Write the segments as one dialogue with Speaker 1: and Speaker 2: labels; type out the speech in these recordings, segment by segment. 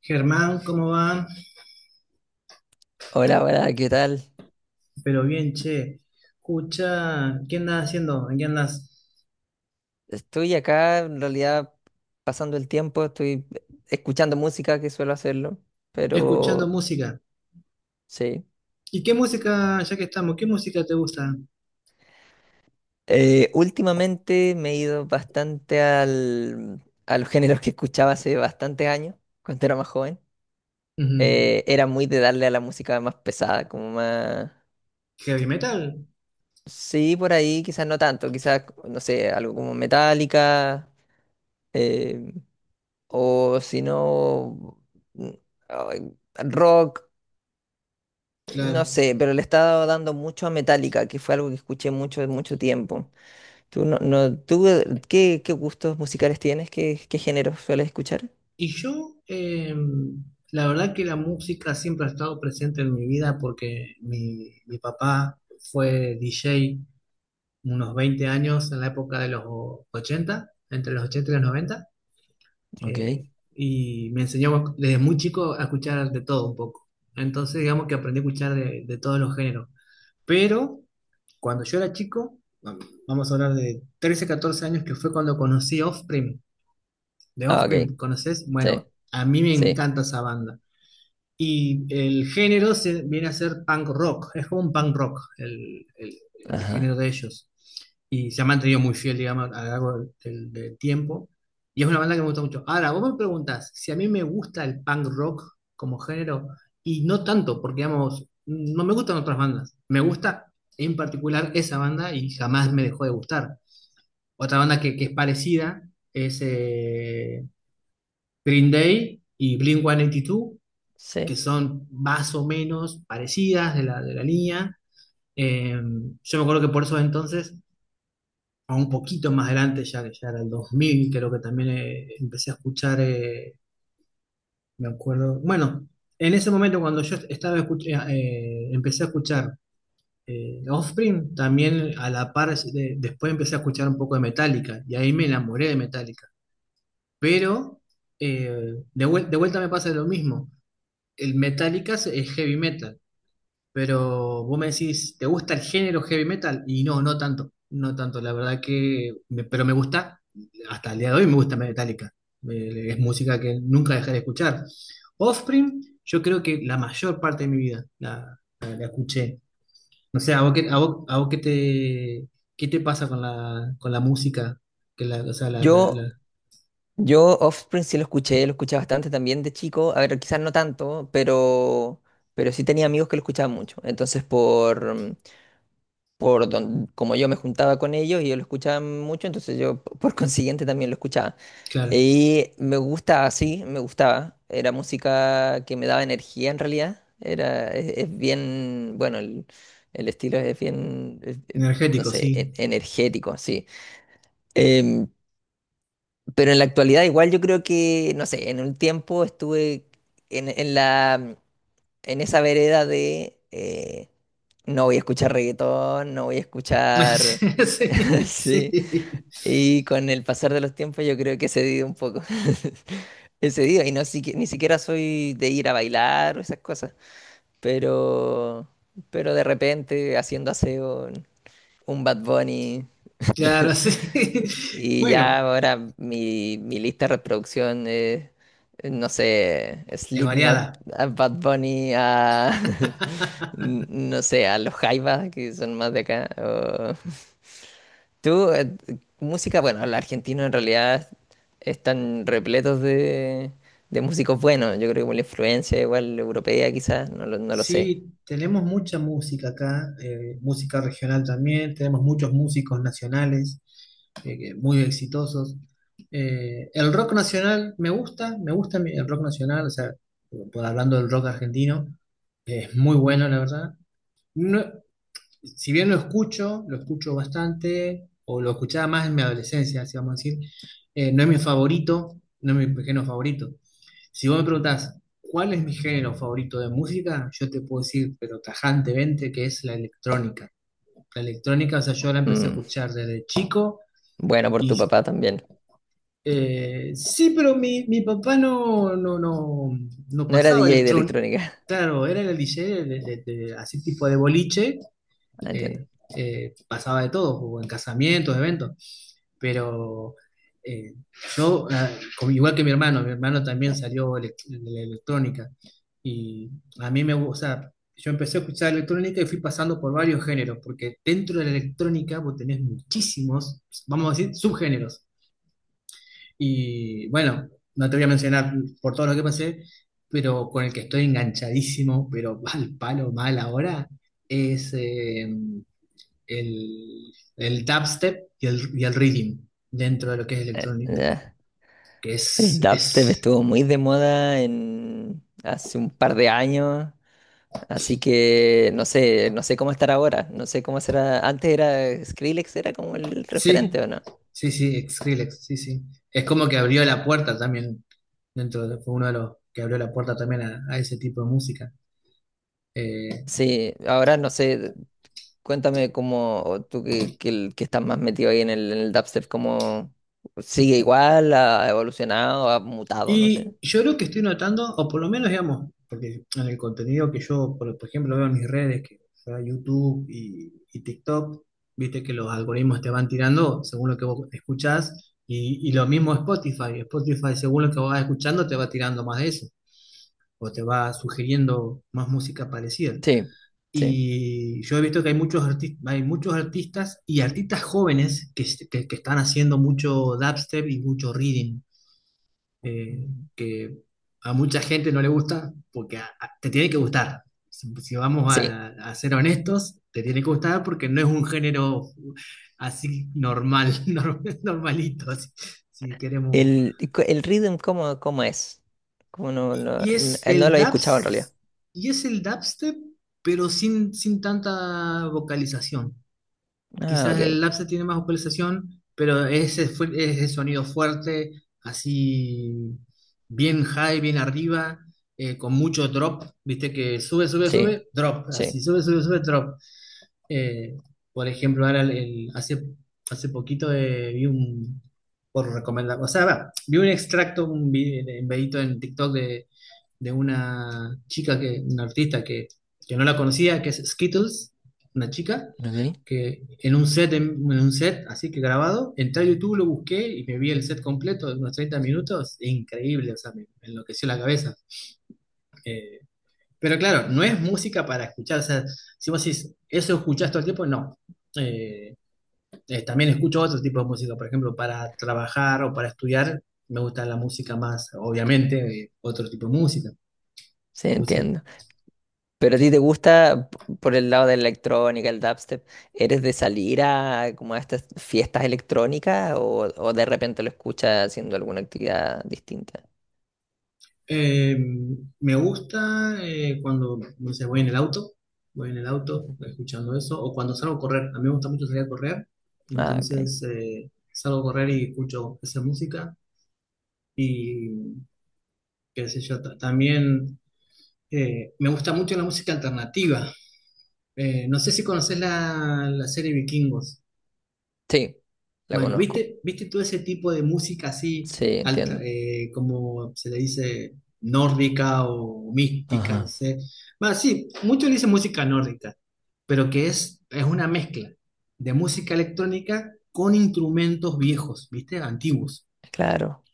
Speaker 1: Germán, ¿cómo va?
Speaker 2: Hola, hola, ¿qué tal?
Speaker 1: Pero bien, che. Escucha, ¿qué andas haciendo? ¿En ¿Qué andas?
Speaker 2: Estoy acá en realidad pasando el tiempo, estoy escuchando música que suelo hacerlo,
Speaker 1: Escuchando
Speaker 2: pero
Speaker 1: música.
Speaker 2: sí.
Speaker 1: ¿Y qué música, ya que estamos, qué música te gusta?
Speaker 2: Últimamente me he ido bastante a los géneros que escuchaba hace bastantes años, cuando era más joven.
Speaker 1: Ujú.
Speaker 2: Era muy de darle a la música más pesada, como más...
Speaker 1: Heavy metal,
Speaker 2: Sí, por ahí quizás no tanto, quizás, no sé, algo como Metallica, eh, o si no... mm, ay, rock. No
Speaker 1: claro.
Speaker 2: sé, pero le estaba dando mucho a Metallica, que fue algo que escuché mucho, mucho tiempo. ¿Tú, no, no- tú qué, ¿qué gustos musicales tienes? ¿Qué géneros sueles escuchar?
Speaker 1: Y yo, la verdad que la música siempre ha estado presente en mi vida porque mi papá fue DJ unos 20 años en la época de los 80, entre los 80 y los 90. eh,
Speaker 2: Ok.
Speaker 1: y me enseñó desde muy chico a escuchar de todo un poco. Entonces, digamos que aprendí a escuchar de todos los géneros. Pero cuando yo era chico, vamos a hablar de 13 14 años, que fue cuando conocí Offspring. De
Speaker 2: Ah, ok.
Speaker 1: Offspring, ¿conoces? Bueno,
Speaker 2: Sí,
Speaker 1: a mí me
Speaker 2: sí.
Speaker 1: encanta esa banda. Y el género se, viene a ser punk rock, es como un punk rock el género
Speaker 2: Ajá.
Speaker 1: de ellos. Y se han mantenido muy fiel, digamos, a lo largo del tiempo. Y es una banda que me gusta mucho. Ahora, vos me preguntás si a mí me gusta el punk rock como género, y no tanto, porque, digamos, no me gustan otras bandas. Me gusta en particular esa banda y jamás me dejó de gustar. Otra banda que es parecida es Green Day y Blink-182,
Speaker 2: Sí.
Speaker 1: que son más o menos parecidas de la línea. Eh, yo me acuerdo que por eso entonces, o un poquito más adelante, ya que ya era el 2000, creo que también empecé a escuchar, me acuerdo, bueno, en ese momento cuando yo estaba empecé a escuchar Offspring, también a la par, después empecé a escuchar un poco de Metallica, y ahí me enamoré de Metallica, pero de vuelta me pasa lo mismo, el Metallica es heavy metal. Pero vos me decís, ¿te gusta el género heavy metal? Y no, no tanto, no tanto, la verdad que, pero me gusta, hasta el día de hoy me gusta Metallica. Es música que nunca dejaré de escuchar. Offspring, yo creo que la mayor parte de mi vida la escuché. No sé, ¿a vos qué, a vos qué te pasa con con la música? Que la, o sea,
Speaker 2: Yo, yo, Offspring sí lo escuché bastante también de chico. A ver, quizás no tanto, pero sí tenía amigos que lo escuchaban mucho. Entonces, como yo me juntaba con ellos y ellos lo escuchaban mucho, entonces yo por consiguiente también lo escuchaba.
Speaker 1: claro,
Speaker 2: Y me gusta, ah, sí, me gustaba. Era música que me daba energía en realidad. Es bien, bueno, el estilo es bien, es, no
Speaker 1: energético,
Speaker 2: sé,
Speaker 1: sí.
Speaker 2: energético, sí. Em, pero en la actualidad igual yo creo que, no sé, en un tiempo estuve en en esa vereda de... no voy a escuchar reggaetón, no voy a escuchar
Speaker 1: Sí,
Speaker 2: sí,
Speaker 1: sí,
Speaker 2: y con el pasar de los tiempos yo creo que he cedido un poco. He cedido y ni siquiera soy de ir a bailar o esas cosas, pero pero de repente haciendo aseo un Bad Bunny
Speaker 1: claro, sí.
Speaker 2: y
Speaker 1: Bueno,
Speaker 2: ya ahora mi lista de reproducción es no sé,
Speaker 1: es
Speaker 2: Slipknot,
Speaker 1: variada.
Speaker 2: a Bad Bunny, a no sé, a los Jaivas que son más de acá. Tú, música, bueno, los argentinos en realidad están repletos de músicos buenos. Yo creo que por la influencia igual europea quizás, no lo sé.
Speaker 1: Sí, tenemos mucha música acá, música regional también, tenemos muchos músicos nacionales muy exitosos. El rock nacional me gusta el rock nacional, o sea, hablando del rock argentino, es muy bueno, la verdad. No, si bien lo escucho bastante, o lo escuchaba más en mi adolescencia, así vamos a decir, no es mi favorito, no es mi género favorito. Si vos me preguntás, ¿cuál es mi género favorito de música? Yo te puedo decir, pero tajantemente, que es la electrónica. La electrónica, o sea, yo la empecé a
Speaker 2: Mm,
Speaker 1: escuchar desde chico
Speaker 2: bueno, por tu
Speaker 1: y
Speaker 2: papá también.
Speaker 1: sí, pero mi papá no, no, no, no
Speaker 2: No era
Speaker 1: pasaba
Speaker 2: DJ de
Speaker 1: electrónica.
Speaker 2: electrónica.
Speaker 1: Claro, era el DJ de, así tipo de boliche,
Speaker 2: Ah, entiendo.
Speaker 1: eh, pasaba de todo, o en casamientos, eventos, pero eh, yo, ah, igual que mi hermano también salió de la electrónica y a mí me gusta, o sea, yo empecé a escuchar electrónica y fui pasando por varios géneros, porque dentro de la electrónica vos tenés muchísimos, vamos a decir, subgéneros. Y bueno, no te voy a mencionar por todo lo que pasé, pero con el que estoy enganchadísimo, pero al palo mal ahora, es el dubstep y el rhythm dentro de lo que es electronic,
Speaker 2: Ya.
Speaker 1: que
Speaker 2: El dubstep
Speaker 1: es,
Speaker 2: estuvo muy de moda en, hace un par de años, así que no sé, no sé cómo estará ahora, no sé cómo será. Antes era Skrillex, era como el
Speaker 1: sí,
Speaker 2: referente, ¿o no?
Speaker 1: sí, sí, Skrillex, sí, sí. Es como que abrió la puerta también, dentro de, fue uno de los que abrió la puerta también a ese tipo de música. Eh,
Speaker 2: Sí, ahora no sé. Cuéntame cómo tú que, que estás más metido ahí en el dubstep, cómo sigue igual, ha evolucionado, ha mutado, no sé.
Speaker 1: Y yo creo que estoy notando, o por lo menos, digamos, porque en el contenido que yo, por ejemplo, veo en mis redes, que sea YouTube y TikTok, viste que los algoritmos te van tirando según lo que vos escuchás, y lo mismo Spotify. Spotify, según lo que vos vas escuchando, te va tirando más de eso, o te va sugiriendo más música parecida.
Speaker 2: Sí, sí.
Speaker 1: Y yo he visto que hay muchos, hay muchos artistas y artistas jóvenes que están haciendo mucho dubstep y mucho reading eh,
Speaker 2: Mm.
Speaker 1: que a mucha gente no le gusta, porque te tiene que gustar. Si, si vamos
Speaker 2: Sí.
Speaker 1: a ser honestos, te tiene que gustar porque no es un género así normal, normalito, así, si queremos.
Speaker 2: El, y el rhythm, ¿cómo, cómo es? ¿Cómo
Speaker 1: Y, y es
Speaker 2: no
Speaker 1: el
Speaker 2: lo he escuchado en realidad?
Speaker 1: dubs, y es el dubstep, pero sin tanta vocalización.
Speaker 2: Ah,
Speaker 1: Quizás
Speaker 2: ok.
Speaker 1: el Lapse tiene más vocalización, pero es el sonido fuerte, así bien high, bien arriba, con mucho drop, viste que sube, sube,
Speaker 2: Sí,
Speaker 1: sube, drop, así
Speaker 2: sí.
Speaker 1: sube, sube, sube, drop. Eh, por ejemplo, ahora hace poquito vi un, por recomendar, o sea, va, vi un extracto, un videito en TikTok de, una chica, que, una artista que no la conocía, que es Skittles, una chica,
Speaker 2: Ok.
Speaker 1: que en un set, en un set, así que grabado, entré a YouTube, lo busqué y me vi el set completo de unos 30 minutos, increíble, o sea, me enloqueció la cabeza. Eh, pero claro, no es música para escuchar. O sea, si vos decís, eso escuchás todo el tiempo, no. Eh, También escucho otro tipo de música. Por ejemplo, para trabajar o para estudiar, me gusta la música más, obviamente, otro tipo de música.
Speaker 2: Sí,
Speaker 1: música.
Speaker 2: entiendo. Pero a ti te gusta por el lado de la electrónica, el dubstep, ¿eres de salir a como a estas fiestas electrónicas o de repente lo escuchas haciendo alguna actividad distinta?
Speaker 1: Eh, Me gusta cuando, no sé, voy en el auto, voy en el auto
Speaker 2: Ujú.
Speaker 1: escuchando eso, o cuando salgo a correr. A mí me gusta mucho salir a correr.
Speaker 2: Ah, ok.
Speaker 1: Entonces, salgo a correr y escucho esa música. Y qué sé yo, también me gusta mucho la música alternativa. No sé si conoces la serie Vikingos.
Speaker 2: Sí, la
Speaker 1: Bueno,
Speaker 2: conozco.
Speaker 1: ¿viste, viste todo ese tipo de música así,
Speaker 2: Sí, entiendo.
Speaker 1: como se le dice, nórdica o mística,
Speaker 2: Ajá.
Speaker 1: no sé? Bueno, sí, muchos le dicen música nórdica, pero que es una mezcla de música electrónica con instrumentos viejos, ¿viste? Antiguos.
Speaker 2: Claro.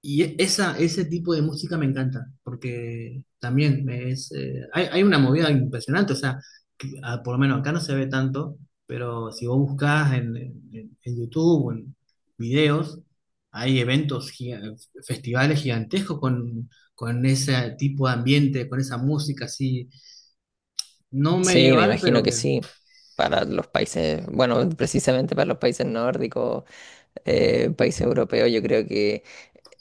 Speaker 1: Ese tipo de música me encanta, porque también es, hay una movida impresionante, o sea, por lo menos acá no se ve tanto, pero si vos buscás en YouTube o en videos, hay eventos, festivales gigantescos con ese tipo de ambiente, con esa música así, no
Speaker 2: Sí, me
Speaker 1: medieval,
Speaker 2: imagino
Speaker 1: pero
Speaker 2: que
Speaker 1: que,
Speaker 2: sí. Para los países, bueno, precisamente para los países nórdicos, países europeos, yo creo que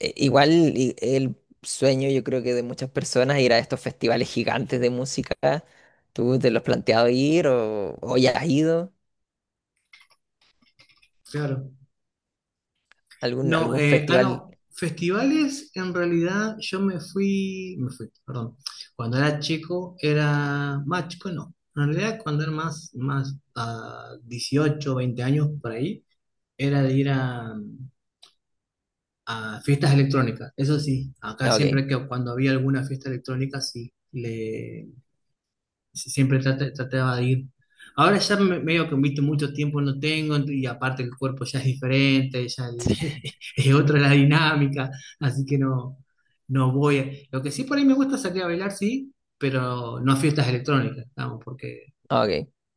Speaker 2: El sueño, yo creo que de muchas personas, ir a estos festivales gigantes de música. ¿Tú te lo has planteado ir o ya has ido?
Speaker 1: claro.
Speaker 2: ¿Algún,
Speaker 1: No,
Speaker 2: algún festival?
Speaker 1: no, festivales, en realidad yo me fui, perdón, cuando era chico era más chico, no, en realidad cuando era más, a 18, 20 años por ahí, era de ir a fiestas electrónicas, eso sí, acá
Speaker 2: No, ok.
Speaker 1: siempre que cuando había alguna fiesta electrónica, sí, si, trataba de ir. Ahora ya medio que invito mucho tiempo no tengo y aparte el cuerpo ya es diferente, ya es otra la dinámica, así que no, no voy. Lo que sí por ahí me gusta salir a bailar, sí, pero no a fiestas electrónicas, estamos, porque
Speaker 2: Ok,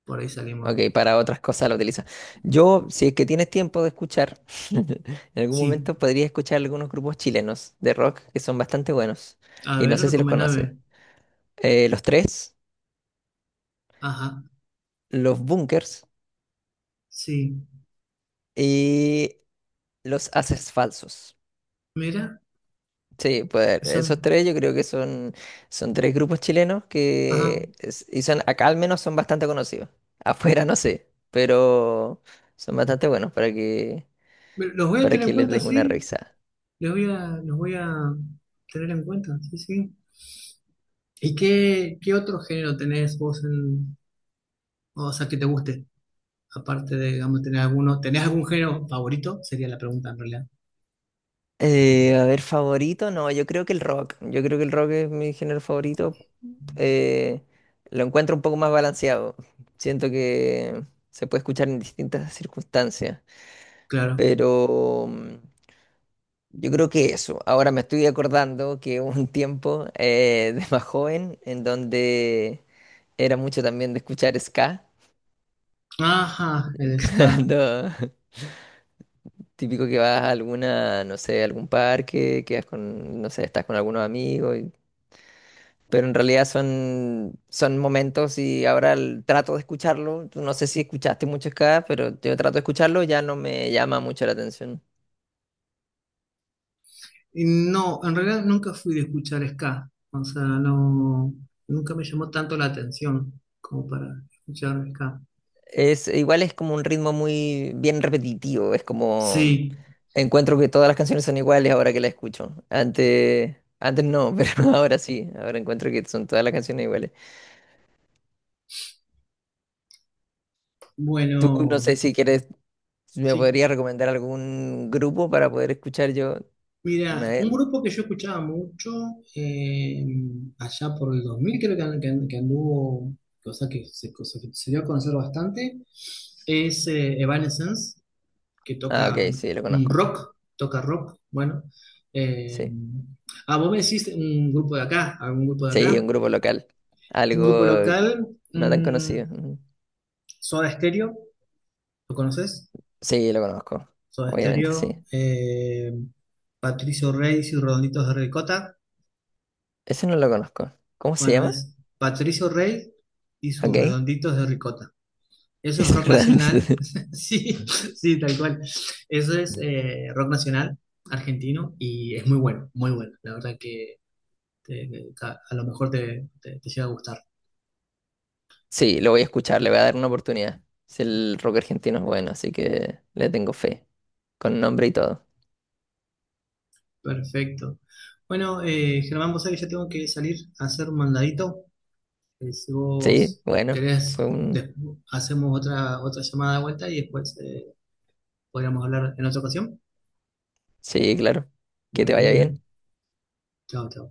Speaker 1: por ahí
Speaker 2: ok,
Speaker 1: salimos.
Speaker 2: para otras cosas lo utiliza. Yo, si es que tienes tiempo de escuchar, en algún
Speaker 1: Sí,
Speaker 2: momento podría escuchar algunos grupos chilenos de rock que son bastante buenos.
Speaker 1: a
Speaker 2: Y no
Speaker 1: ver,
Speaker 2: sé si los conoces.
Speaker 1: recomendame.
Speaker 2: Los Tres,
Speaker 1: Ajá,
Speaker 2: los Bunkers
Speaker 1: sí,
Speaker 2: y los Haces Falsos.
Speaker 1: mira,
Speaker 2: Sí, pues esos
Speaker 1: son,
Speaker 2: tres yo creo que son, son tres grupos chilenos
Speaker 1: ajá,
Speaker 2: y son, acá al menos son bastante conocidos. Afuera no sé, pero son bastante buenos
Speaker 1: los voy a
Speaker 2: para
Speaker 1: tener
Speaker 2: que
Speaker 1: en
Speaker 2: les
Speaker 1: cuenta,
Speaker 2: des una
Speaker 1: sí,
Speaker 2: revisada.
Speaker 1: los voy a tener en cuenta, sí, sí. ¿Y qué, qué otro género tenés vos en, o sea, que te guste? Aparte de, digamos, tener alguno, ¿tenés algún género favorito? Sería la pregunta en realidad.
Speaker 2: A ver, favorito, no, yo creo que el rock. Yo creo que el rock es mi género favorito. Eh, lo encuentro un poco más balanceado. Siento que se puede escuchar en distintas circunstancias,
Speaker 1: Claro.
Speaker 2: pero... mm, yo creo que eso. Ahora me estoy acordando que hubo un tiempo de más joven en donde era mucho también de escuchar ska.
Speaker 1: Ajá, el ska.
Speaker 2: Cuando típico que vas a alguna, no sé, algún parque, quedas con, no sé, estás con algunos amigos. Pero en realidad son, son momentos y ahora trato de escucharlo. Tú no sé si escuchaste mucho ska, pero yo trato de escucharlo, ya no me llama mucho la atención.
Speaker 1: Y no, en realidad nunca fui de escuchar ska. O sea, no, nunca me llamó tanto la atención como para escuchar ska.
Speaker 2: Es, igual es como un ritmo muy bien repetitivo, es como
Speaker 1: Sí,
Speaker 2: encuentro que todas las canciones son iguales ahora que las escucho. Antes, antes no, pero ahora sí, ahora encuentro que son todas las canciones iguales. Tú no
Speaker 1: bueno,
Speaker 2: sé si quieres, si me
Speaker 1: sí.
Speaker 2: podrías recomendar algún grupo para poder escuchar yo una
Speaker 1: Mira,
Speaker 2: vez.
Speaker 1: un grupo que yo escuchaba mucho eh, allá por el 2000 creo que, que anduvo, cosa que se dio a conocer bastante, es Evanescence, que
Speaker 2: Ah,
Speaker 1: toca
Speaker 2: ok, sí, lo
Speaker 1: un
Speaker 2: conozco.
Speaker 1: rock, toca rock, bueno. eh,
Speaker 2: Sí.
Speaker 1: Vos me decís un grupo de acá, algún grupo de
Speaker 2: Sí,
Speaker 1: acá,
Speaker 2: un grupo local.
Speaker 1: un grupo
Speaker 2: Algo
Speaker 1: local,
Speaker 2: no tan
Speaker 1: mm,
Speaker 2: conocido. Ujú.
Speaker 1: Soda Stereo, ¿lo conoces?
Speaker 2: Sí, lo conozco.
Speaker 1: Soda
Speaker 2: Obviamente, sí.
Speaker 1: Stereo, Patricio Reyes y Redonditos de Ricota.
Speaker 2: Ese no lo conozco. ¿Cómo se
Speaker 1: Bueno,
Speaker 2: llama?
Speaker 1: es Patricio Rey y sus
Speaker 2: Ok.
Speaker 1: redonditos de ricota. Eso es
Speaker 2: Es
Speaker 1: rock
Speaker 2: Randy.
Speaker 1: nacional. Sí, sí, tal cual. Eso es rock nacional argentino y es muy bueno, muy bueno. La verdad que a lo mejor te llega a gustar.
Speaker 2: Sí, lo voy a escuchar, le voy a dar una oportunidad. Si el rock argentino es bueno, así que le tengo fe, con nombre y todo.
Speaker 1: Perfecto. Bueno, Germán, vos sabés que ya tengo que salir a hacer un mandadito. Si
Speaker 2: Sí,
Speaker 1: vos
Speaker 2: bueno, fue
Speaker 1: querés,
Speaker 2: un...
Speaker 1: hacemos otra, otra llamada de vuelta y después podríamos hablar en otra ocasión.
Speaker 2: Sí, claro. Que te
Speaker 1: Bueno,
Speaker 2: vaya
Speaker 1: muy
Speaker 2: bien.
Speaker 1: bien. Chao, chao.